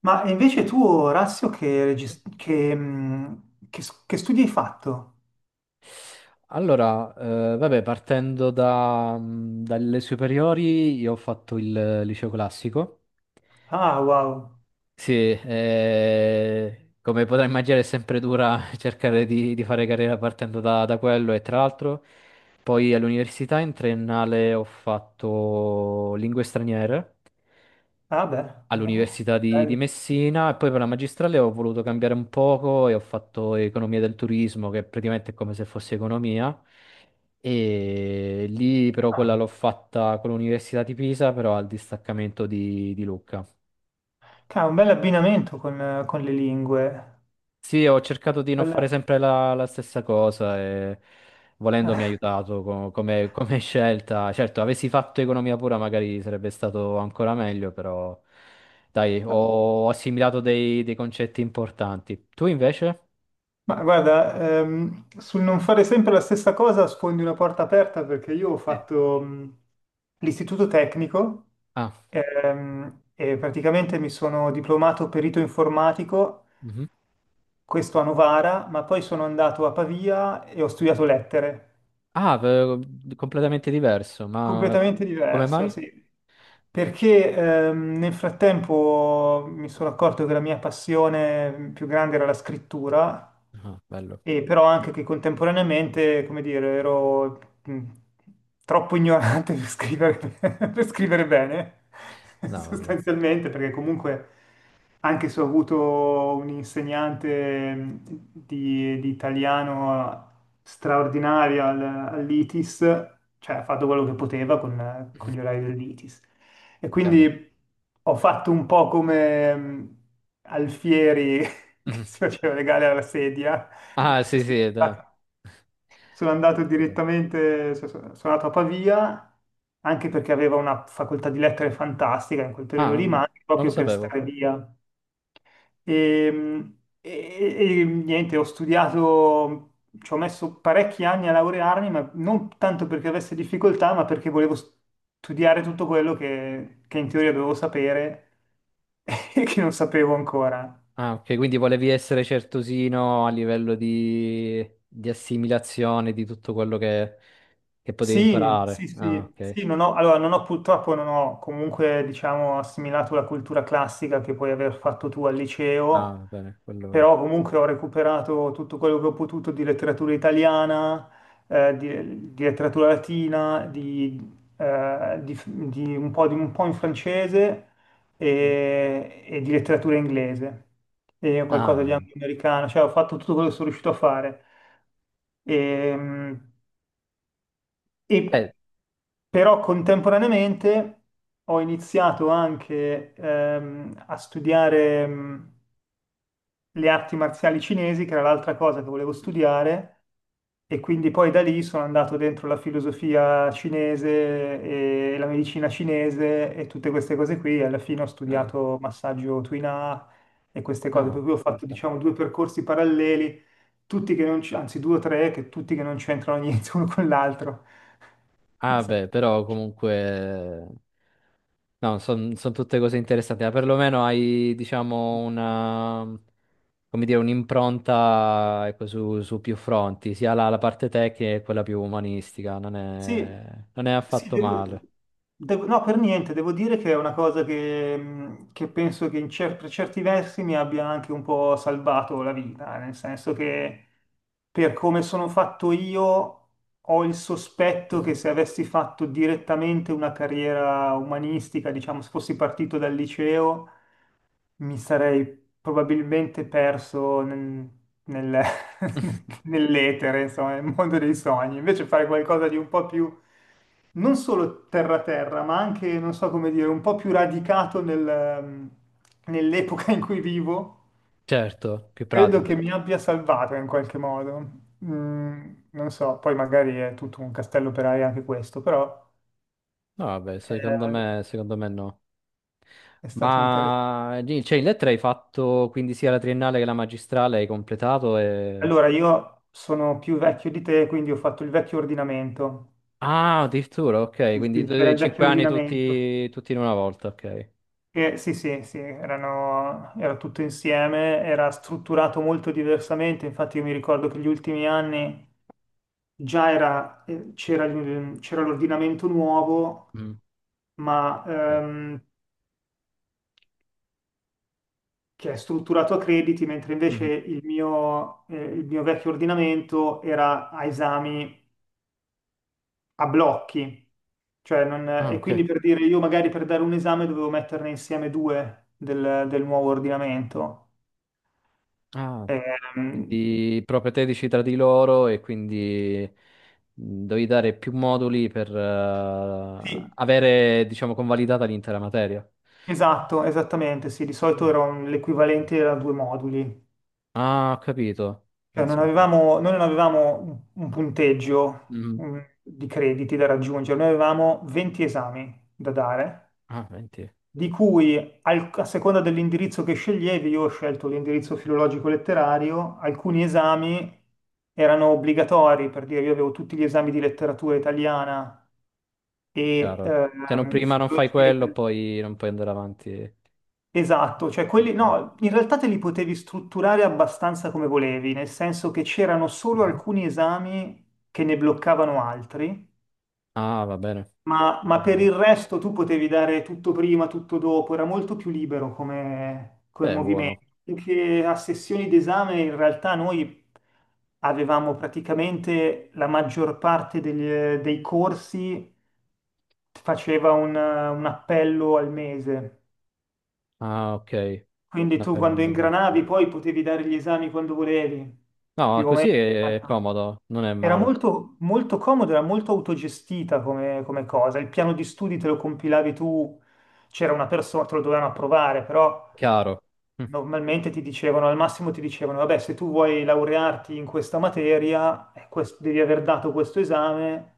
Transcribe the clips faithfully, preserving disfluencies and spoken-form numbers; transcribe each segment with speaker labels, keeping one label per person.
Speaker 1: Ma invece tu, Orazio, che, regis- che, mh, che s- che studi hai fatto?
Speaker 2: Allora, eh, vabbè, partendo da, mh, dalle superiori, io ho fatto il liceo classico.
Speaker 1: Ah, wow.
Speaker 2: Sì, eh, come potrai immaginare è sempre dura cercare di, di fare carriera partendo da, da quello e tra l'altro poi all'università in triennale ho fatto lingue straniere
Speaker 1: Ah, beh, no.
Speaker 2: all'Università di, di
Speaker 1: Bello.
Speaker 2: Messina e poi per la magistrale ho voluto cambiare un poco e ho fatto economia del turismo, che praticamente è come se fosse economia. E lì però quella
Speaker 1: Ah,
Speaker 2: l'ho fatta con l'Università di Pisa, però al distaccamento di, di Lucca.
Speaker 1: ca- un bel abbinamento con, eh, con le lingue.
Speaker 2: Sì, ho cercato di non fare
Speaker 1: Bella.
Speaker 2: sempre la, la stessa cosa e volendo mi ha aiutato co- come, come scelta. Certo, avessi fatto economia pura magari sarebbe stato ancora meglio, però dai, ho assimilato dei, dei concetti importanti. Tu invece?
Speaker 1: Ma guarda, ehm, sul non fare sempre la stessa cosa sfondi una porta aperta perché io ho
Speaker 2: Sì.
Speaker 1: fatto mh, l'istituto tecnico
Speaker 2: Ah,
Speaker 1: ehm, e praticamente mi sono diplomato perito informatico
Speaker 2: mhm.
Speaker 1: questo a Novara, ma poi sono andato a Pavia e ho studiato lettere.
Speaker 2: Ah, v- completamente diverso, ma co-
Speaker 1: Completamente
Speaker 2: come
Speaker 1: diverso,
Speaker 2: mai?
Speaker 1: sì. Perché ehm, nel frattempo mi sono accorto che la mia passione più grande era la scrittura,
Speaker 2: Ah, bello.
Speaker 1: e però anche che contemporaneamente, come dire, ero mh, troppo ignorante per scrivere, per scrivere bene,
Speaker 2: No, vabbè,
Speaker 1: sostanzialmente, perché comunque anche se ho avuto un insegnante mh, di, di italiano straordinario al- all'ITIS, cioè ha fatto quello che poteva con, con gli orari dell'ITIS. E
Speaker 2: chiaro.
Speaker 1: quindi ho fatto un po' come mh, Alfieri che
Speaker 2: Mhm.
Speaker 1: si faceva legare alla sedia.
Speaker 2: Ah, sì,
Speaker 1: Sono
Speaker 2: sì, dai.
Speaker 1: andato sono andato
Speaker 2: Presente.
Speaker 1: direttamente, so- so- sono andato a Pavia, anche perché aveva una facoltà di lettere fantastica in quel periodo
Speaker 2: Ah,
Speaker 1: lì, ma
Speaker 2: no,
Speaker 1: anche
Speaker 2: non lo
Speaker 1: proprio per
Speaker 2: sapevo.
Speaker 1: stare via. Ehm, E, e- e niente, ho studiato, ci ho messo parecchi anni a laurearmi, ma non tanto perché avessi difficoltà, ma perché volevo studiare tutto quello che, che in teoria dovevo sapere e che non sapevo ancora.
Speaker 2: Ah, ok, quindi volevi essere certosino a livello di, di assimilazione di tutto quello che, che potevi
Speaker 1: Sì, sì,
Speaker 2: imparare. Ah,
Speaker 1: sì,
Speaker 2: ok.
Speaker 1: sì, non ho, allora non ho purtroppo, non ho comunque, diciamo, assimilato la cultura classica che puoi aver fatto tu al
Speaker 2: Ah,
Speaker 1: liceo,
Speaker 2: va bene, quello...
Speaker 1: però comunque ho recuperato tutto quello che ho potuto di letteratura italiana, eh, di, di letteratura latina, di, eh, di- di un po', di- un po' in francese
Speaker 2: Mhm.
Speaker 1: e, e di letteratura inglese e
Speaker 2: Ah,
Speaker 1: qualcosa di, ah,
Speaker 2: bene.
Speaker 1: anche americano, cioè ho fatto tutto quello che sono riuscito a fare. Ehm,
Speaker 2: Eh,
Speaker 1: E, però contemporaneamente ho iniziato anche ehm, a studiare, mm, le arti marziali cinesi, che era l'altra cosa che volevo
Speaker 2: Mm.
Speaker 1: studiare, e quindi poi da lì sono andato dentro la filosofia cinese e la medicina cinese e tutte queste cose qui, e alla fine ho
Speaker 2: Ah,
Speaker 1: studiato massaggio Tuina e queste cose,
Speaker 2: ah.
Speaker 1: per cui ho fatto
Speaker 2: Interessante.
Speaker 1: diciamo due percorsi paralleli, tutti che non c- anzi due o tre, che tutti che non c'entrano niente uno con l'altro.
Speaker 2: Ah, beh, però comunque... No, sono tutte cose interessanti, ma perlomeno hai, diciamo, una... come dire, un'impronta, ecco, su, su più fronti, sia la, la parte tecnica che quella più umanistica. Non
Speaker 1: Sì,
Speaker 2: è, non è
Speaker 1: sì,
Speaker 2: affatto
Speaker 1: devo-
Speaker 2: male.
Speaker 1: devo- no, per niente, devo dire che è una cosa che, mh, che penso che in cer- per certi versi mi abbia anche un po' salvato la vita, nel senso che per come sono fatto io ho il sospetto che
Speaker 2: Mhm.
Speaker 1: se avessi fatto direttamente una carriera umanistica, diciamo, se fossi partito dal liceo, mi sarei probabilmente perso nel- nel- nell'etere, insomma, nel mondo dei sogni. Invece fare qualcosa di un po' più, non solo terra-terra, ma anche, non so come dire, un po' più radicato nel, ehm, nell'epoca in cui vivo,
Speaker 2: Certo, più
Speaker 1: credo
Speaker 2: pratico.
Speaker 1: che mi abbia salvato in qualche modo. Mm, non so, poi magari è tutto un castello per aria anche questo, però
Speaker 2: No, vabbè, secondo
Speaker 1: eh,
Speaker 2: me, secondo me no.
Speaker 1: è stato interessante.
Speaker 2: Ma lì- cioè, in lettera hai fatto quindi sia la triennale che la magistrale, hai completato e...
Speaker 1: Allora, io sono più vecchio di te, quindi ho fatto il vecchio ordinamento.
Speaker 2: Ah, addirittura, ok,
Speaker 1: Sì,
Speaker 2: quindi
Speaker 1: sì, c'era
Speaker 2: eh,
Speaker 1: il vecchio
Speaker 2: cinque anni
Speaker 1: ordinamento.
Speaker 2: tutti, tutti in una volta, ok.
Speaker 1: Che, sì, sì, sì, erano, era tutto insieme, era strutturato molto diversamente. Infatti, io mi ricordo che gli ultimi anni già era, eh, c'era il- c'era l'ordinamento nuovo,
Speaker 2: Mm,
Speaker 1: ma
Speaker 2: ok.
Speaker 1: ehm, che è strutturato a crediti, mentre invece
Speaker 2: Mhm.
Speaker 1: il mio, eh, il mio vecchio ordinamento era a esami a blocchi, cioè non-
Speaker 2: Ah,
Speaker 1: e
Speaker 2: ok.
Speaker 1: quindi per dire io magari per dare un esame dovevo metterne insieme due del, del nuovo ordinamento.
Speaker 2: Ah,
Speaker 1: Ehm,
Speaker 2: quindi proprio tredici tra di loro e quindi mm, devi dare più moduli per eh,
Speaker 1: sì,
Speaker 2: avere, diciamo, convalidata l'intera materia.
Speaker 1: esatto, esattamente, sì, di solito
Speaker 2: Ah,
Speaker 1: era un-
Speaker 2: ok.
Speaker 1: l'equivalente era due moduli,
Speaker 2: Ah, ho capito.
Speaker 1: cioè non
Speaker 2: Pensa un po'.
Speaker 1: avevamo, noi non avevamo un un punteggio
Speaker 2: Mm.
Speaker 1: mm, di crediti da raggiungere, noi avevamo venti esami da dare
Speaker 2: Ah, venti.
Speaker 1: di cui al- a seconda dell'indirizzo che sceglievi, io ho scelto l'indirizzo filologico-letterario, alcuni esami erano obbligatori, per dire io avevo tutti gli esami di letteratura italiana e
Speaker 2: Chiaro. Se non
Speaker 1: ehm,
Speaker 2: prima non fai
Speaker 1: filologia
Speaker 2: quello,
Speaker 1: italiana.
Speaker 2: poi non puoi andare avanti.
Speaker 1: Esatto, cioè quelli
Speaker 2: Ok.
Speaker 1: no, in realtà te li potevi strutturare abbastanza come volevi, nel senso che c'erano solo
Speaker 2: Mhm.
Speaker 1: alcuni esami che ne bloccavano altri.
Speaker 2: Ah, va bene.
Speaker 1: Ma,
Speaker 2: Ho
Speaker 1: ma per il
Speaker 2: capito.
Speaker 1: resto tu potevi dare tutto prima, tutto dopo, era molto più libero come, come
Speaker 2: Beh, buono.
Speaker 1: movimento. Perché a sessioni d'esame in realtà noi avevamo praticamente la maggior parte degli- dei corsi faceva un, un appello al mese.
Speaker 2: Ah, ok.
Speaker 1: Quindi tu quando
Speaker 2: Naturalmente.
Speaker 1: ingranavi poi potevi dare gli esami quando volevi,
Speaker 2: No,
Speaker 1: più o
Speaker 2: così
Speaker 1: meno.
Speaker 2: è comodo, non è
Speaker 1: Era
Speaker 2: male.
Speaker 1: molto, molto comodo, era molto autogestita come, come cosa. Il piano di studi te lo compilavi tu, c'era una persona, te lo dovevano approvare, però
Speaker 2: Chiaro. Mm.
Speaker 1: normalmente ti dicevano, al massimo ti dicevano, vabbè, se tu vuoi laurearti in questa materia, eh, quest- devi aver dato questo esame,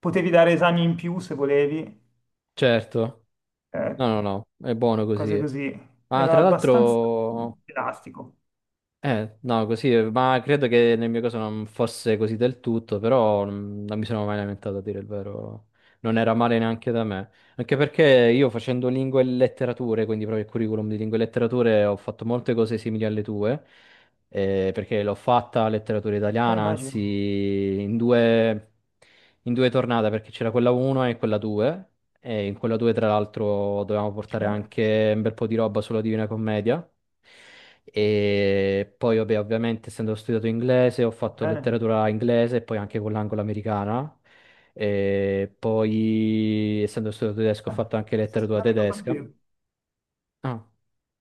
Speaker 1: potevi dare esami in più se volevi,
Speaker 2: Certo.
Speaker 1: eh,
Speaker 2: No, no, no, è buono
Speaker 1: cose
Speaker 2: così.
Speaker 1: così.
Speaker 2: Ah,
Speaker 1: Era
Speaker 2: tra
Speaker 1: abbastanza
Speaker 2: l'altro
Speaker 1: elastico.
Speaker 2: eh, no, così, eh, ma credo che nel mio caso non fosse così del tutto, però mm, non mi sono mai lamentato a dire il vero. Non era male neanche da me. Anche perché io facendo lingue e letterature, quindi proprio il curriculum di lingue e letterature, ho fatto molte cose simili alle tue, eh, perché l'ho fatta letteratura
Speaker 1: Eh,
Speaker 2: italiana, anzi
Speaker 1: immagino.
Speaker 2: in due, in due tornate, perché c'era quella uno e quella due, e in quella due tra l'altro dovevamo portare
Speaker 1: Eh,
Speaker 2: anche un bel po' di roba sulla Divina Commedia. E poi, vabbè, ovviamente, essendo studiato inglese, ho fatto
Speaker 1: bene.
Speaker 2: letteratura inglese e poi anche con l'anglo-americana. E poi, essendo studiato tedesco, ho
Speaker 1: Ah,
Speaker 2: fatto anche letteratura
Speaker 1: esame che ho fatto
Speaker 2: tedesca.
Speaker 1: io.
Speaker 2: Ah,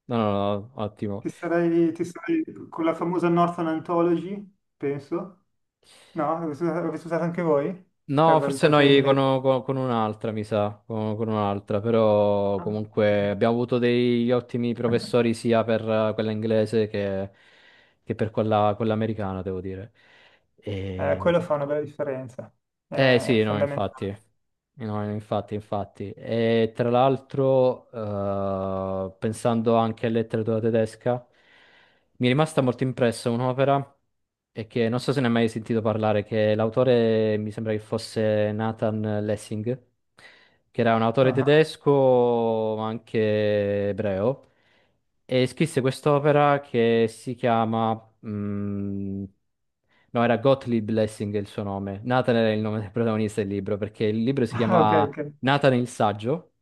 Speaker 2: no, no, no, ottimo.
Speaker 1: Ti sarei, ti sarei con la famosa Northern Anthology, penso. No, l'avete usata l'avete usata anche voi
Speaker 2: No,
Speaker 1: per la
Speaker 2: forse
Speaker 1: letteratura
Speaker 2: noi con,
Speaker 1: inglese?
Speaker 2: con- con un'altra, mi sa, con, con un'altra, però
Speaker 1: Ah, ok.
Speaker 2: comunque abbiamo avuto degli ottimi professori sia per eh, quella inglese che, che per quella, quella americana, devo dire.
Speaker 1: Eh,
Speaker 2: E...
Speaker 1: quello fa una bella differenza,
Speaker 2: Eh
Speaker 1: è
Speaker 2: sì, no, infatti.
Speaker 1: fondamentale.
Speaker 2: No, infatti, infatti. E tra l'altro, eh, pensando anche a letteratura tedesca, mi è rimasta molto impressa un'opera e che non so se ne hai mai sentito parlare, che l'autore mi sembra che fosse Nathan Lessing, che era un autore
Speaker 1: Ah,
Speaker 2: tedesco, ma anche ebreo, e scrisse quest'opera che si chiama, mm, no, era Gottlieb Lessing il suo nome. Nathan era il nome del protagonista del libro, perché il libro si
Speaker 1: ah, ok,
Speaker 2: chiamava
Speaker 1: ok.
Speaker 2: Nathan il saggio.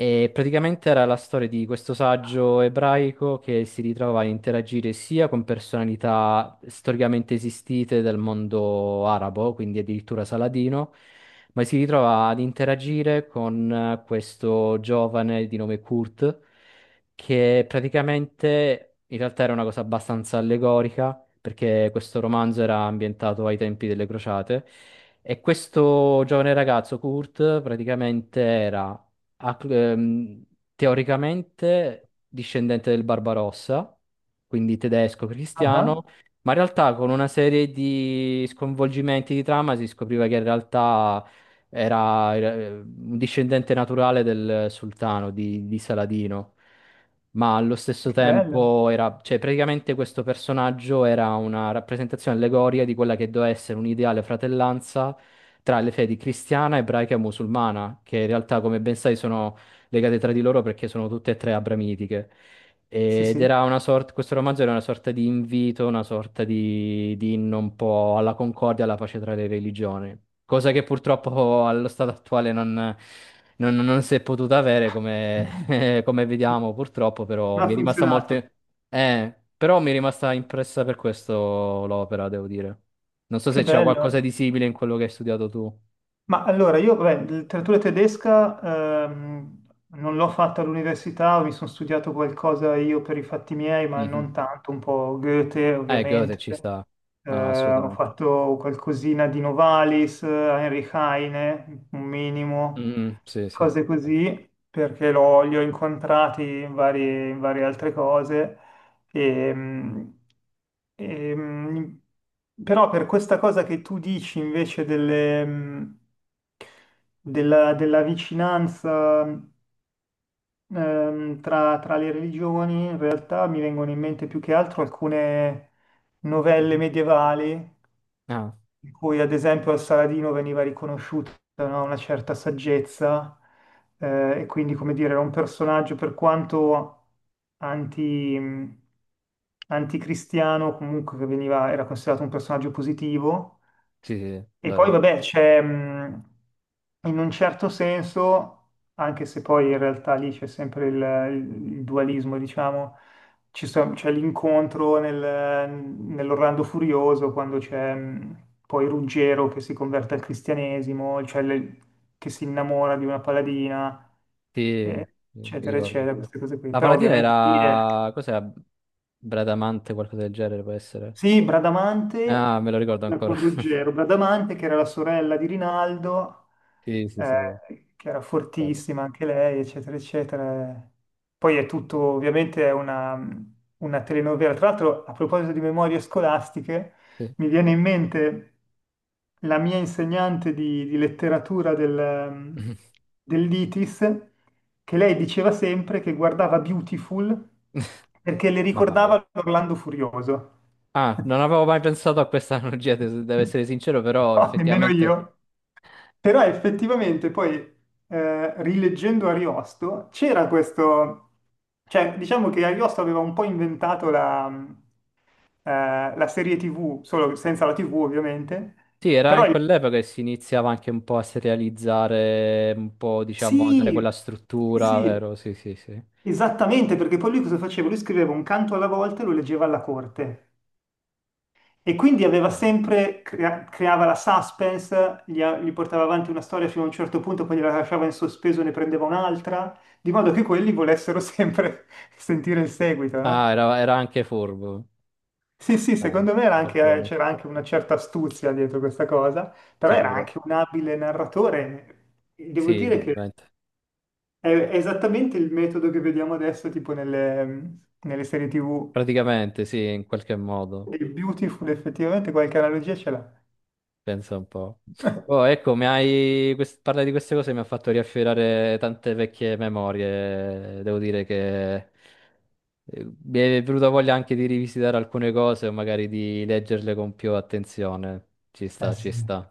Speaker 2: E praticamente era la storia di questo saggio ebraico che si ritrova a interagire sia con personalità storicamente esistite del mondo arabo, quindi addirittura Saladino, ma si ritrova ad interagire con eh, questo giovane di nome Kurt, che praticamente in realtà era una cosa abbastanza allegorica perché questo romanzo era ambientato ai tempi delle crociate. E questo giovane ragazzo, Kurt, praticamente era a- ehm, teoricamente discendente del Barbarossa, quindi tedesco
Speaker 1: Ah,
Speaker 2: cristiano,
Speaker 1: ah,
Speaker 2: ma in realtà con una serie di sconvolgimenti di trama si scopriva che in realtà era, era, eh, un discendente naturale del sultano di, di Saladino ma allo stesso
Speaker 1: che bello.
Speaker 2: tempo era, cioè praticamente questo personaggio era una rappresentazione allegoria di quella che doveva essere un'ideale fratellanza tra le fedi cristiana, ebraica e musulmana, che in realtà, come ben sai, sono legate tra di loro perché sono tutte e tre abramitiche.
Speaker 1: Sì,
Speaker 2: Ed
Speaker 1: sì.
Speaker 2: era una sorta, questo romanzo era una sorta di invito, una sorta di, di inno un po' alla concordia, alla pace tra le religioni, cosa che purtroppo allo stato attuale non, non- non si è potuta avere, come eh, come vediamo, purtroppo, però
Speaker 1: Non ha
Speaker 2: mi è rimasta
Speaker 1: funzionato.
Speaker 2: molte... Eh, però mi è rimasta impressa per questo l'opera, devo dire. Non so
Speaker 1: Che
Speaker 2: se c'era qualcosa
Speaker 1: bello.
Speaker 2: di simile in quello che hai studiato tu.
Speaker 1: Ma allora, io, beh, letteratura tedesca ehm, non l'ho fatta all'università, mi sono studiato qualcosa io per i fatti miei, ma
Speaker 2: Mhm.
Speaker 1: non tanto, un po' Goethe
Speaker 2: Eh, Goethe
Speaker 1: ovviamente.
Speaker 2: ci sta. No, no,
Speaker 1: Eh, ho
Speaker 2: assolutamente.
Speaker 1: fatto qualcosina di Novalis, eh, Heinrich Heine, un minimo,
Speaker 2: Mm, sì, sì, sì.
Speaker 1: cose così, perché l'ho- li ho incontrati in varie, in varie altre cose. E, mm, e, mm, però per questa cosa che tu dici invece delle, mm, della, della vicinanza ehm, tra, tra le religioni, in realtà mi vengono in mente più che altro alcune novelle
Speaker 2: Mhm.
Speaker 1: medievali
Speaker 2: Ah,
Speaker 1: in cui ad esempio al Saladino veniva riconosciuta, no, una certa saggezza, eh, e quindi, come dire, era un personaggio per quanto anti, mh, anticristiano, comunque che veniva, era considerato un personaggio positivo.
Speaker 2: sì, sì, sì,
Speaker 1: E poi
Speaker 2: vero.
Speaker 1: vabbè, c'è, mh, in un certo senso, anche se poi in realtà lì c'è sempre il, il- il dualismo, diciamo, ci so- c'è l'incontro nel- nell'Orlando Furioso quando c'è, mh, poi Ruggero che si converte al cristianesimo, cioè le- che si innamora di una paladina,
Speaker 2: Sì,
Speaker 1: eh,
Speaker 2: sì, mi
Speaker 1: eccetera,
Speaker 2: ricordo.
Speaker 1: eccetera, queste cose qui.
Speaker 2: La
Speaker 1: Però
Speaker 2: Palatina
Speaker 1: ovviamente lì è...
Speaker 2: era... Cos'era? Bradamante, qualcosa del genere, può essere?
Speaker 1: Sì,
Speaker 2: Ah,
Speaker 1: Bradamante,
Speaker 2: me lo ricordo
Speaker 1: quella con
Speaker 2: ancora.
Speaker 1: Ruggero, Bradamante che era la sorella di Rinaldo,
Speaker 2: Sì, sì, sì,
Speaker 1: eh, che era
Speaker 2: ricordo.
Speaker 1: fortissima anche lei, eccetera, eccetera. Poi è tutto, ovviamente è una, una telenovela. Tra l'altro, a proposito di memorie scolastiche,
Speaker 2: Sì.
Speaker 1: mi viene in mente la mia insegnante di, di letteratura del, dell'ITIS, che lei diceva sempre che guardava Beautiful perché le
Speaker 2: Mamma mia.
Speaker 1: ricordava l'Orlando Furioso.
Speaker 2: Ah, non avevo mai pensato a questa analogia, de- devo essere sincero, però
Speaker 1: No, nemmeno
Speaker 2: effettivamente
Speaker 1: io. Però effettivamente poi, eh, rileggendo Ariosto, c'era questo... Cioè, diciamo che Ariosto aveva un po' inventato la, eh, la serie tivù, solo senza la tivù ovviamente.
Speaker 2: sì, era
Speaker 1: Però
Speaker 2: in
Speaker 1: il-
Speaker 2: quell'epoca che si iniziava anche un po' a serializzare, un po', diciamo, a dare quella
Speaker 1: sì,
Speaker 2: struttura,
Speaker 1: sì,
Speaker 2: vero? Sì, sì, sì.
Speaker 1: esattamente, perché poi lui cosa faceva? Lui scriveva un canto alla volta e lo leggeva alla corte. E quindi aveva
Speaker 2: Sì.
Speaker 1: sempre, crea- creava la suspense, gli, a- gli portava avanti una storia fino a un certo punto, poi gliela lasciava in sospeso e ne prendeva un'altra, di modo che quelli volessero sempre sentire il seguito,
Speaker 2: Ah,
Speaker 1: no?
Speaker 2: era, era anche furbo.
Speaker 1: Sì, sì,
Speaker 2: Dai,
Speaker 1: secondo me era anche- eh,
Speaker 2: balcone,
Speaker 1: c'era anche una certa astuzia dietro questa cosa, però era
Speaker 2: sicuro.
Speaker 1: anche un abile narratore. Devo
Speaker 2: Sì,
Speaker 1: dire che
Speaker 2: indubbiamente.
Speaker 1: è, è esattamente il metodo che vediamo adesso, tipo nelle, nelle serie tivù.
Speaker 2: Praticamente, sì, in qualche modo.
Speaker 1: Il Beautiful effettivamente qualche analogia ce l'ha.
Speaker 2: Pensa un po'. Oh, ecco, mi hai... quest- parlare di queste cose mi ha fatto riaffiorare tante vecchie memorie. Devo dire che eh, mi è venuta voglia anche di rivisitare alcune cose o magari di leggerle con più attenzione. Ci
Speaker 1: Eh
Speaker 2: sta, ci
Speaker 1: sì.
Speaker 2: sta.